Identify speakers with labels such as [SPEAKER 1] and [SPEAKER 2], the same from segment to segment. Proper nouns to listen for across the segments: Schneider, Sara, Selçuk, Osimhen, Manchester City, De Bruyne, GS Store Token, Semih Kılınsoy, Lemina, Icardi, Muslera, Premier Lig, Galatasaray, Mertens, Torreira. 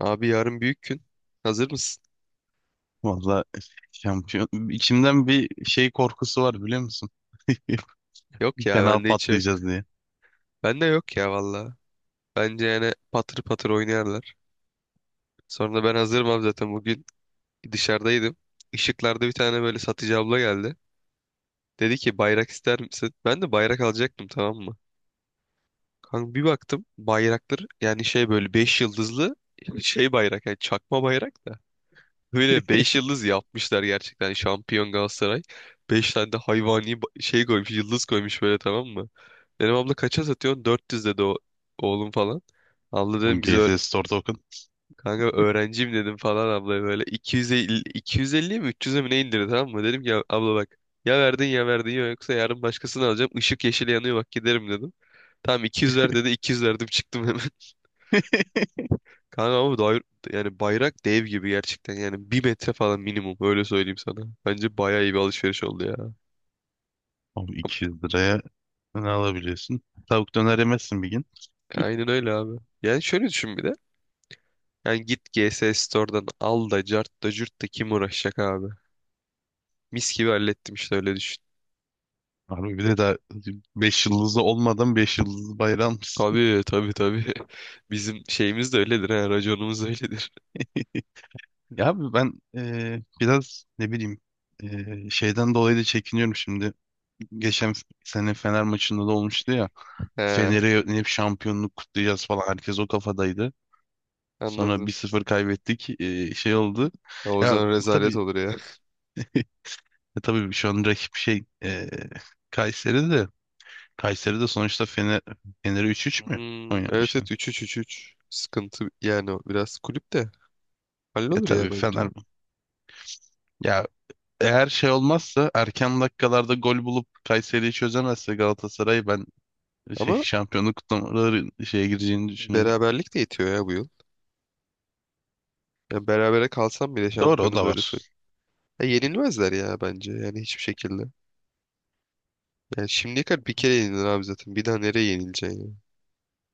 [SPEAKER 1] Abi yarın büyük gün. Hazır mısın?
[SPEAKER 2] Valla şampiyon. İçimden bir şey korkusu var biliyor musun?
[SPEAKER 1] Yok ya,
[SPEAKER 2] Fena
[SPEAKER 1] bende hiç yok.
[SPEAKER 2] patlayacağız diye.
[SPEAKER 1] Bende yok ya, valla. Bence yani patır patır oynarlar. Sonra ben hazırım abi, zaten bugün dışarıdaydım. Işıklarda bir tane böyle satıcı abla geldi. Dedi ki bayrak ister misin? Ben de bayrak alacaktım, tamam mı? Kanka bir baktım bayraktır yani şey, böyle 5 yıldızlı şey bayrak, yani çakma bayrak da. Böyle 5 yıldız yapmışlar, gerçekten şampiyon Galatasaray. Beş tane de hayvani şey koymuş, yıldız koymuş böyle, tamam mı? Benim abla kaça satıyorsun? 400 dedi o, oğlum falan. Abla
[SPEAKER 2] Oğlum
[SPEAKER 1] dedim
[SPEAKER 2] GS Store Token.
[SPEAKER 1] kanka öğrenciyim dedim falan, abla böyle 250, 250'ye mi 300'e mi ne indirdi, tamam mı? Dedim ki "Ya abla bak, ya verdin ya verdin, ya yoksa yarın başkasını alacağım. Işık yeşil yanıyor bak, giderim" dedim. Tamam 200 ver dedi, 200 verdim, çıktım hemen. Kanka ama yani bayrak dev gibi gerçekten, yani 1 metre falan minimum öyle söyleyeyim sana. Bence bayağı iyi bir alışveriş oldu ya.
[SPEAKER 2] Oğlum 200 liraya ne alabiliyorsun? Tavuk döner yemezsin bir gün.
[SPEAKER 1] Aynen öyle abi. Yani şöyle düşün bir de. Yani git G S Store'dan al da cart da cürt de, kim uğraşacak abi. Mis gibi hallettim işte, öyle düşün.
[SPEAKER 2] Abi bir de daha 5 yıldızı olmadan beş yıldızlı bayrağı almışsın.
[SPEAKER 1] Tabii, tabii, tabii. Bizim şeyimiz de öyledir ha. Raconumuz da öyledir.
[SPEAKER 2] Ya abi ben biraz ne bileyim şeyden dolayı da çekiniyorum şimdi. Geçen sene Fener maçında da olmuştu ya.
[SPEAKER 1] He,
[SPEAKER 2] Fener'e hep şampiyonluk kutlayacağız falan. Herkes o kafadaydı. Sonra bir
[SPEAKER 1] anladım.
[SPEAKER 2] sıfır kaybettik. Şey oldu.
[SPEAKER 1] Ha, o
[SPEAKER 2] Ya
[SPEAKER 1] zaman rezalet
[SPEAKER 2] tabii.
[SPEAKER 1] olur ya.
[SPEAKER 2] Tabii şu an rakip şey Kayseri de Kayseri de sonuçta Fener'e 3-3 mü
[SPEAKER 1] Hmm, evet evet,
[SPEAKER 2] oynamıştı?
[SPEAKER 1] üç üç üç üç. Sıkıntı yani, o biraz kulüp de
[SPEAKER 2] Ya
[SPEAKER 1] hallolur ya
[SPEAKER 2] tabii
[SPEAKER 1] bence.
[SPEAKER 2] Fener, ya eğer şey olmazsa, erken dakikalarda gol bulup Kayseri'yi çözemezse Galatasaray, ben şey
[SPEAKER 1] Ama
[SPEAKER 2] şampiyonluk kutlamaları şeye gireceğini düşünüyorum.
[SPEAKER 1] beraberlik de yetiyor ya bu yıl. Ya berabere kalsam bile
[SPEAKER 2] Doğru, o
[SPEAKER 1] şampiyonuz,
[SPEAKER 2] da
[SPEAKER 1] öyle söyleyeyim.
[SPEAKER 2] var.
[SPEAKER 1] Ya yenilmezler ya, bence yani hiçbir şekilde. Yani şimdiye kadar bir kere yenilir abi zaten. Bir daha nereye yenileceksin ya?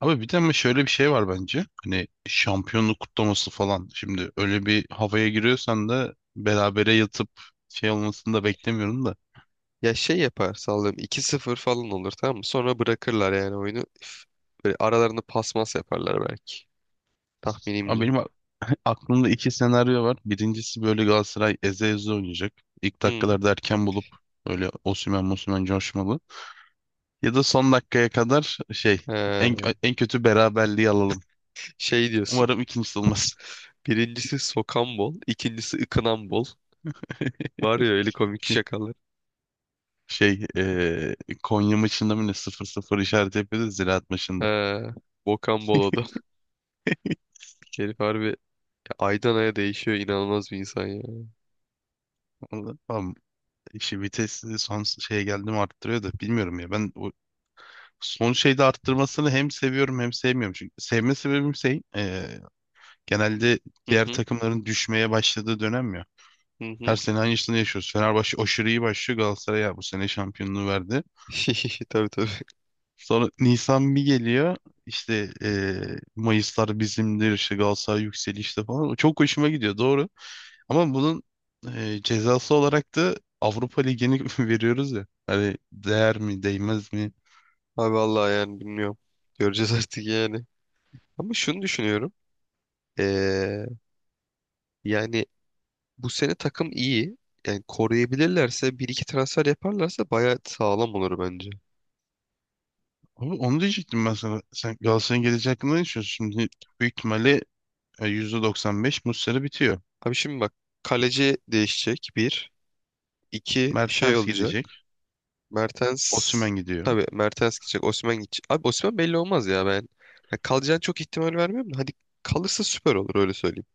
[SPEAKER 2] Abi bir de ama şöyle bir şey var bence. Hani şampiyonluk kutlaması falan. Şimdi öyle bir havaya giriyorsan da berabere yatıp şey olmasını da beklemiyorum da.
[SPEAKER 1] Ya şey yapar, sallıyorum 2-0 falan olur, tamam mı? Sonra bırakırlar yani oyunu. Üf, böyle aralarında pasmas yaparlar belki.
[SPEAKER 2] Ama
[SPEAKER 1] Tahminimce.
[SPEAKER 2] benim aklımda iki senaryo var. Birincisi, böyle Galatasaray eze eze oynayacak. İlk
[SPEAKER 1] Hı.
[SPEAKER 2] dakikalarda erken bulup böyle Osimhen Mosimhen coşmalı. Ya da son dakikaya kadar şey en,
[SPEAKER 1] He,
[SPEAKER 2] en kötü beraberliği alalım.
[SPEAKER 1] şey diyorsun.
[SPEAKER 2] Umarım ikincisi olmaz.
[SPEAKER 1] Birincisi sokan bol, ikincisi ıkınan bol. Var ya öyle komik
[SPEAKER 2] Şey,
[SPEAKER 1] şakalar.
[SPEAKER 2] şey eee, Konya maçında mı ne sıfır sıfır işaret yapıyordu Ziraat
[SPEAKER 1] He,
[SPEAKER 2] maçında.
[SPEAKER 1] bokan bol o da. Herif harbi aydan aya değişiyor. İnanılmaz bir insan ya.
[SPEAKER 2] Orada, tamam. İşi vitesini son şeye geldi mi arttırıyor da bilmiyorum ya. Ben o son şeyde arttırmasını hem seviyorum hem sevmiyorum. Çünkü sevme sebebim şey genelde
[SPEAKER 1] Hı
[SPEAKER 2] diğer
[SPEAKER 1] hı.
[SPEAKER 2] takımların düşmeye başladığı dönem ya.
[SPEAKER 1] Hı
[SPEAKER 2] Her
[SPEAKER 1] hı.
[SPEAKER 2] sene aynısını yaşıyoruz. Fenerbahçe aşırı iyi başlıyor. Galatasaray ya bu sene şampiyonluğu verdi.
[SPEAKER 1] Tabii, tabii.
[SPEAKER 2] Sonra Nisan bir geliyor. İşte Mayıslar bizimdir. İşte Galatasaray yükselişte falan. O çok hoşuma gidiyor, doğru. Ama bunun cezası olarak da Avrupa Ligi'ni veriyoruz ya. Hani değer mi değmez mi?
[SPEAKER 1] Abi vallahi yani bilmiyorum. Göreceğiz artık yani. Ama şunu düşünüyorum. Ee, yani bu sene takım iyi. Yani koruyabilirlerse, bir iki transfer yaparlarsa bayağı sağlam olur bence.
[SPEAKER 2] Abi onu diyecektim ben sana. Sen Galatasaray'ın geleceği hakkında ne düşünüyorsun? Şimdi büyük ihtimalle %95 Muslera bitiyor.
[SPEAKER 1] Abi şimdi bak, kaleci değişecek bir. İki şey
[SPEAKER 2] Mertens
[SPEAKER 1] olacak.
[SPEAKER 2] gidecek.
[SPEAKER 1] Mertens,
[SPEAKER 2] Osimhen gidiyor.
[SPEAKER 1] tabii Mertens gidecek. Osimhen gidecek. Abi Osimhen belli olmaz ya ben. Yani kalacağını çok ihtimal vermiyorum da. Hadi kalırsa süper olur, öyle söyleyeyim.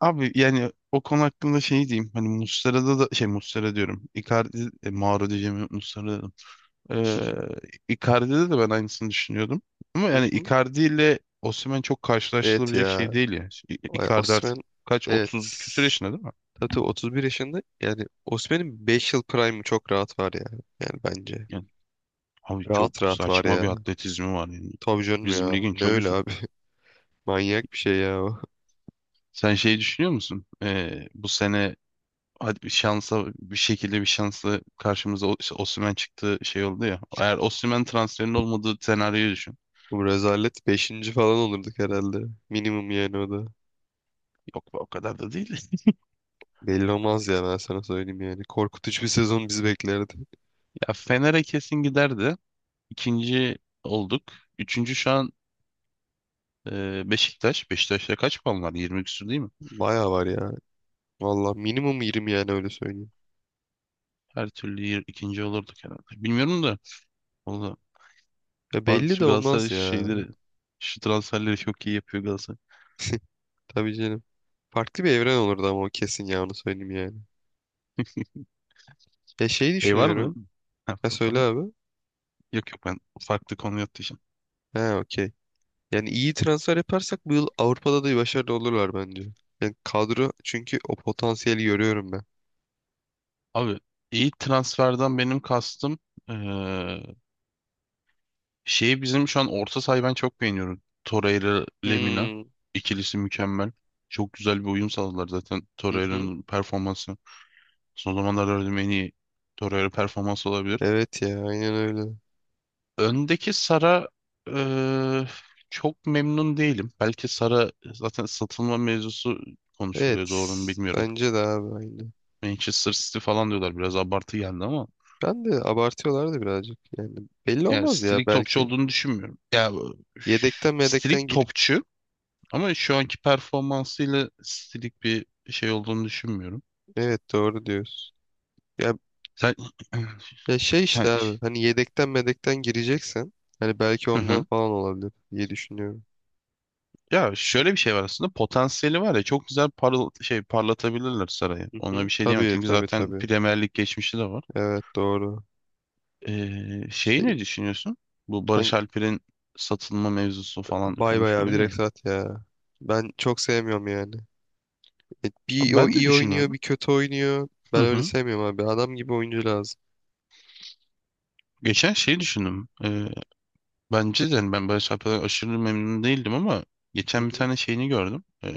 [SPEAKER 2] Abi yani o konu hakkında şey diyeyim. Hani Muslera'da da şey, Muslera diyorum. Icardi, Mauro diyeceğim, Muslera dedim. Ee, Icardi'de de ben aynısını düşünüyordum. Ama
[SPEAKER 1] Hı
[SPEAKER 2] yani
[SPEAKER 1] hı.
[SPEAKER 2] Icardi ile Osimhen çok
[SPEAKER 1] Evet
[SPEAKER 2] karşılaştırılabilecek
[SPEAKER 1] ya.
[SPEAKER 2] şey değil ya. Icardi
[SPEAKER 1] Osimhen,
[SPEAKER 2] artık kaç,
[SPEAKER 1] evet.
[SPEAKER 2] 30 küsur yaşında değil mi?
[SPEAKER 1] Tabii 31 yaşında. Yani Osimhen'in 5 yıl prime'ı çok rahat var ya. Yani bence.
[SPEAKER 2] Yani abi çok
[SPEAKER 1] Rahat rahat var
[SPEAKER 2] saçma bir
[SPEAKER 1] ya.
[SPEAKER 2] atletizmi var yani.
[SPEAKER 1] Tabii canım
[SPEAKER 2] Bizim
[SPEAKER 1] ya.
[SPEAKER 2] ligin
[SPEAKER 1] Ne
[SPEAKER 2] çok
[SPEAKER 1] öyle
[SPEAKER 2] üstünde.
[SPEAKER 1] abi. Manyak bir şey ya o.
[SPEAKER 2] Sen şey düşünüyor musun? Bu sene hadi bir şansa, bir şekilde, bir şansla karşımıza işte Osimhen çıktı, şey oldu ya. Eğer Osimhen transferinin olmadığı senaryoyu düşün.
[SPEAKER 1] Bu rezalet 5. falan olurduk herhalde. Minimum yani o da.
[SPEAKER 2] Yok be, o kadar da değil.
[SPEAKER 1] Belli olmaz ya, ben sana söyleyeyim yani. Korkutucu bir sezon bizi beklerdi.
[SPEAKER 2] Ya Fener'e kesin giderdi. İkinci olduk. Üçüncü şu an Beşiktaş. Beşiktaş'ta kaç puan var? 20 küsur değil mi?
[SPEAKER 1] Baya var ya. Valla minimum 20 yani, öyle söyleyeyim.
[SPEAKER 2] Her türlü ikinci olurduk herhalde. Bilmiyorum da. Valla,
[SPEAKER 1] Ya
[SPEAKER 2] bazı
[SPEAKER 1] belli de
[SPEAKER 2] şu Galatasaray
[SPEAKER 1] olmaz ya.
[SPEAKER 2] şeyleri, şu transferleri çok iyi yapıyor Galatasaray.
[SPEAKER 1] Tabii canım. Farklı bir evren olurdu ama, o kesin ya, onu söyleyeyim yani. Ya şey
[SPEAKER 2] Şey var mı?
[SPEAKER 1] düşünüyorum.
[SPEAKER 2] Ha,
[SPEAKER 1] Ha, söyle
[SPEAKER 2] efendim?
[SPEAKER 1] abi.
[SPEAKER 2] Yok, yok, ben farklı konuya atlayacağım.
[SPEAKER 1] He, okey. Yani iyi transfer yaparsak bu yıl Avrupa'da da başarılı olurlar bence. Yani kadro, çünkü o potansiyeli görüyorum ben.
[SPEAKER 2] Abi iyi transferden benim kastım eee, şeyi, bizim şu an orta sahayı ben çok beğeniyorum. Torreira Lemina
[SPEAKER 1] Hmm.
[SPEAKER 2] ikilisi mükemmel. Çok güzel bir uyum sağladılar, zaten
[SPEAKER 1] Hı hı.
[SPEAKER 2] Torreira'nın performansı. Son zamanlarda gördüğüm en iyi Torreira performansı olabilir.
[SPEAKER 1] Evet ya, aynen öyle.
[SPEAKER 2] Öndeki Sara, eee, çok memnun değilim. Belki Sara zaten, satılma mevzusu
[SPEAKER 1] Evet.
[SPEAKER 2] konuşuluyor, doğru mu bilmiyorum.
[SPEAKER 1] Bence de abi, aynı.
[SPEAKER 2] Manchester City falan diyorlar, biraz abartı geldi ama.
[SPEAKER 1] Ben de abartıyorlardı birazcık. Yani belli
[SPEAKER 2] Ya
[SPEAKER 1] olmaz ya,
[SPEAKER 2] stilik topçu
[SPEAKER 1] belki.
[SPEAKER 2] olduğunu düşünmüyorum. Ya, üf,
[SPEAKER 1] Yedekten
[SPEAKER 2] stilik
[SPEAKER 1] medekten gir...
[SPEAKER 2] topçu, ama şu anki performansıyla stilik bir şey olduğunu düşünmüyorum.
[SPEAKER 1] Evet, doğru diyorsun. Ya,
[SPEAKER 2] Sen
[SPEAKER 1] ya, şey
[SPEAKER 2] ya,
[SPEAKER 1] işte abi. Hani yedekten medekten gireceksen. Hani belki
[SPEAKER 2] hı
[SPEAKER 1] ondan
[SPEAKER 2] hı.
[SPEAKER 1] falan olabilir diye düşünüyorum.
[SPEAKER 2] Ya şöyle bir şey var, aslında potansiyeli var ya, çok güzel parıl şey parlatabilirler sarayı.
[SPEAKER 1] Hı
[SPEAKER 2] Ona
[SPEAKER 1] hı.
[SPEAKER 2] bir şey diyemem,
[SPEAKER 1] Tabii,
[SPEAKER 2] çünkü
[SPEAKER 1] tabii,
[SPEAKER 2] zaten
[SPEAKER 1] tabii.
[SPEAKER 2] Premier Lig geçmişi de var.
[SPEAKER 1] Evet, doğru. İşte
[SPEAKER 2] Şeyi ne düşünüyorsun? Bu Barış Alper'in satılma mevzusu falan
[SPEAKER 1] bay bay abi,
[SPEAKER 2] konuşuluyor ya.
[SPEAKER 1] direkt sat ya. Ben çok sevmiyorum yani. Bir
[SPEAKER 2] Abi,
[SPEAKER 1] o
[SPEAKER 2] ben de
[SPEAKER 1] iyi oynuyor,
[SPEAKER 2] düşünüyorum.
[SPEAKER 1] bir kötü oynuyor.
[SPEAKER 2] Hı
[SPEAKER 1] Ben öyle
[SPEAKER 2] hı.
[SPEAKER 1] sevmiyorum abi. Adam gibi oyuncu lazım.
[SPEAKER 2] Geçen şeyi düşündüm. Bence de, yani, ben Barış şarkılardan aşırı memnun değildim ama
[SPEAKER 1] Hı
[SPEAKER 2] geçen bir
[SPEAKER 1] hı.
[SPEAKER 2] tane şeyini gördüm.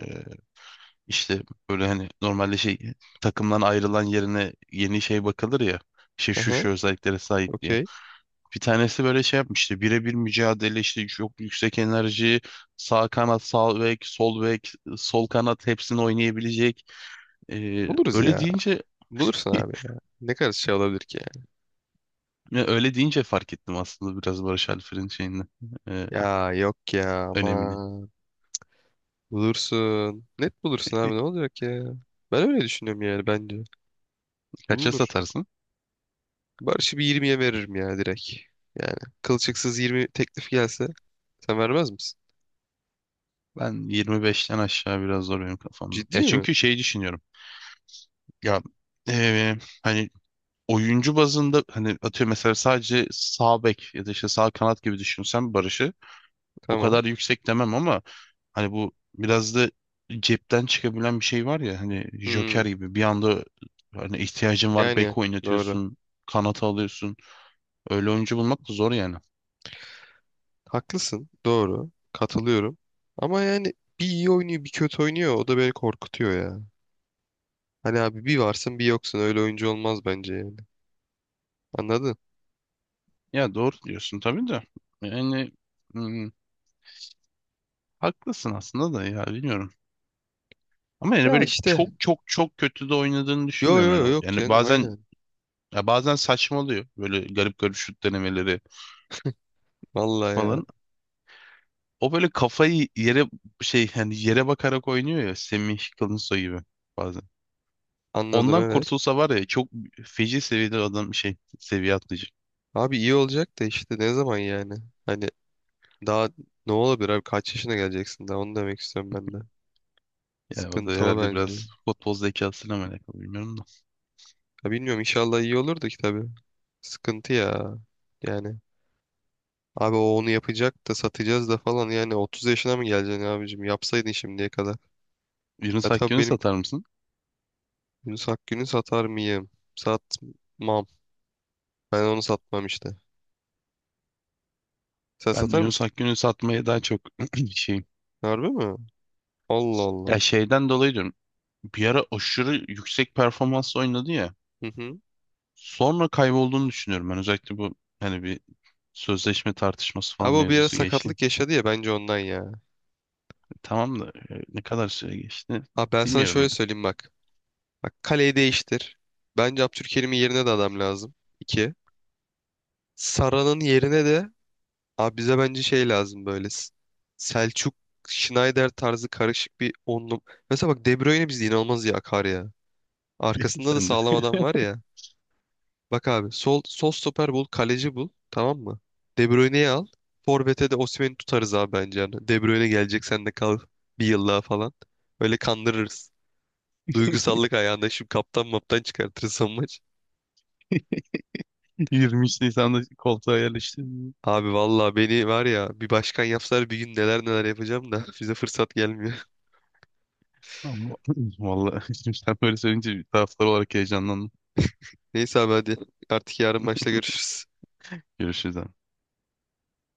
[SPEAKER 2] İşte böyle, hani normalde şey, takımdan ayrılan yerine yeni şey bakılır ya. İşte şu
[SPEAKER 1] Aha,
[SPEAKER 2] şu özelliklere sahip diye.
[SPEAKER 1] okey.
[SPEAKER 2] Bir tanesi böyle şey yapmıştı. Birebir mücadele, işte çok yüksek enerji. Sağ kanat, sağ bek, sol bek, sol kanat hepsini oynayabilecek.
[SPEAKER 1] Buluruz ya.
[SPEAKER 2] Öyle deyince
[SPEAKER 1] Bulursun abi ya. Ne kadar şey olabilir ki
[SPEAKER 2] ya, öyle deyince fark ettim aslında biraz Barış Alper'in şeyini, e,
[SPEAKER 1] ya? Ya yok ya,
[SPEAKER 2] önemini.
[SPEAKER 1] ama bulursun. Net bulursun abi, ne olacak ya? Ben öyle düşünüyorum yani, bence.
[SPEAKER 2] Kaça
[SPEAKER 1] Bulunur.
[SPEAKER 2] satarsın?
[SPEAKER 1] Barış'ı bir 20'ye veririm ya, direkt. Yani kılçıksız 20 teklif gelse sen vermez misin?
[SPEAKER 2] Ben 25'ten aşağı biraz zor benim kafamda.
[SPEAKER 1] Ciddi
[SPEAKER 2] Ya
[SPEAKER 1] mi?
[SPEAKER 2] çünkü şey düşünüyorum. Ya eee, hani oyuncu bazında, hani atıyor mesela sadece sağ bek ya da işte sağ kanat gibi düşünsem Barış'ı o
[SPEAKER 1] Tamam.
[SPEAKER 2] kadar yüksek demem, ama hani bu biraz da cepten çıkabilen bir şey var ya, hani Joker
[SPEAKER 1] Hmm.
[SPEAKER 2] gibi, bir anda hani ihtiyacın var,
[SPEAKER 1] Yani
[SPEAKER 2] bek
[SPEAKER 1] doğru.
[SPEAKER 2] oynatıyorsun, kanata alıyorsun. Öyle oyuncu bulmak da zor yani.
[SPEAKER 1] Haklısın. Doğru. Katılıyorum. Ama yani bir iyi oynuyor bir kötü oynuyor. O da beni korkutuyor ya. Hani abi bir varsın bir yoksun. Öyle oyuncu olmaz bence yani. Anladın?
[SPEAKER 2] Ya doğru diyorsun tabii de. Yani, hmm, haklısın aslında da, ya bilmiyorum. Ama yani
[SPEAKER 1] Ya
[SPEAKER 2] böyle
[SPEAKER 1] işte.
[SPEAKER 2] çok çok çok kötü de oynadığını
[SPEAKER 1] Yo
[SPEAKER 2] düşünmüyorum.
[SPEAKER 1] yo yo
[SPEAKER 2] Yani,
[SPEAKER 1] yok
[SPEAKER 2] yani
[SPEAKER 1] canım,
[SPEAKER 2] bazen,
[SPEAKER 1] aynen.
[SPEAKER 2] ya, bazen saçmalıyor. Böyle garip garip şut denemeleri
[SPEAKER 1] Vallahi ya.
[SPEAKER 2] falan. O böyle kafayı yere şey, yani yere bakarak oynuyor ya, Semih Kılınsoy gibi bazen.
[SPEAKER 1] Anladım,
[SPEAKER 2] Ondan
[SPEAKER 1] evet.
[SPEAKER 2] kurtulsa var ya, çok feci seviyede adam şey, seviye atlayacak.
[SPEAKER 1] Abi iyi olacak da işte ne zaman yani? Hani daha ne olabilir abi? Kaç yaşına geleceksin daha? Onu demek istiyorum ben de.
[SPEAKER 2] Yani o da
[SPEAKER 1] Sıkıntı o
[SPEAKER 2] herhalde
[SPEAKER 1] bence.
[SPEAKER 2] biraz futbol zekasıyla mı alakalı, bilmiyorum da.
[SPEAKER 1] Ya bilmiyorum, inşallah iyi olur da ki tabii. Sıkıntı ya. Yani. Abi o onu yapacak da satacağız da falan, yani 30 yaşına mı geleceksin abicim? Yapsaydın şimdiye kadar. Ya
[SPEAKER 2] Yunus
[SPEAKER 1] tabii,
[SPEAKER 2] Akgün'ü
[SPEAKER 1] benim
[SPEAKER 2] satar mısın?
[SPEAKER 1] Yunus Akgün'ü satar mıyım? Satmam. Ben onu satmam işte. Sen
[SPEAKER 2] Ben
[SPEAKER 1] satar
[SPEAKER 2] Yunus
[SPEAKER 1] mısın?
[SPEAKER 2] Akgün'ü satmaya daha çok şeyim.
[SPEAKER 1] Harbi mi? Allah Allah.
[SPEAKER 2] Ya şeyden dolayı diyorum. Bir ara aşırı yüksek performans oynadı ya.
[SPEAKER 1] Hı hı.
[SPEAKER 2] Sonra kaybolduğunu düşünüyorum ben. Özellikle bu hani, bir sözleşme tartışması falan
[SPEAKER 1] Abi o bir ara
[SPEAKER 2] mevzusu geçti.
[SPEAKER 1] sakatlık yaşadı ya, bence ondan ya.
[SPEAKER 2] Tamam da ne kadar süre geçti
[SPEAKER 1] Abi ben sana
[SPEAKER 2] bilmiyorum
[SPEAKER 1] şöyle
[SPEAKER 2] ya.
[SPEAKER 1] söyleyeyim bak. Bak kaleyi değiştir. Bence Abdülkerim'in yerine de adam lazım. 2. Sara'nın yerine de, abi bize bence şey lazım böyle. Selçuk, Schneider tarzı karışık bir onlu. Mesela bak De Bruyne bizde inanılmaz iyi akar ya. Arkasında da
[SPEAKER 2] Sen
[SPEAKER 1] sağlam
[SPEAKER 2] de
[SPEAKER 1] adam var ya. Bak abi sol stoper bul, kaleci bul. Tamam mı? De Bruyne'yi al. Forvet'e de Osimhen'i tutarız abi, bence. Yani De Bruyne gelecek, sen de kal 1 yıl daha falan. Böyle kandırırız. Duygusallık ayağında şimdi kaptan maptan çıkartırız son maç.
[SPEAKER 2] 23 Nisan'da koltuğa yerleştin.
[SPEAKER 1] Abi vallahi beni var ya, bir başkan yapsalar bir gün neler neler yapacağım da bize fırsat gelmiyor.
[SPEAKER 2] Ama vallahi şimdi sen böyle söyleyince bir taraftar olarak heyecanlandım.
[SPEAKER 1] Neyse abi, hadi. Artık yarın maçta görüşürüz.
[SPEAKER 2] Görüşürüz.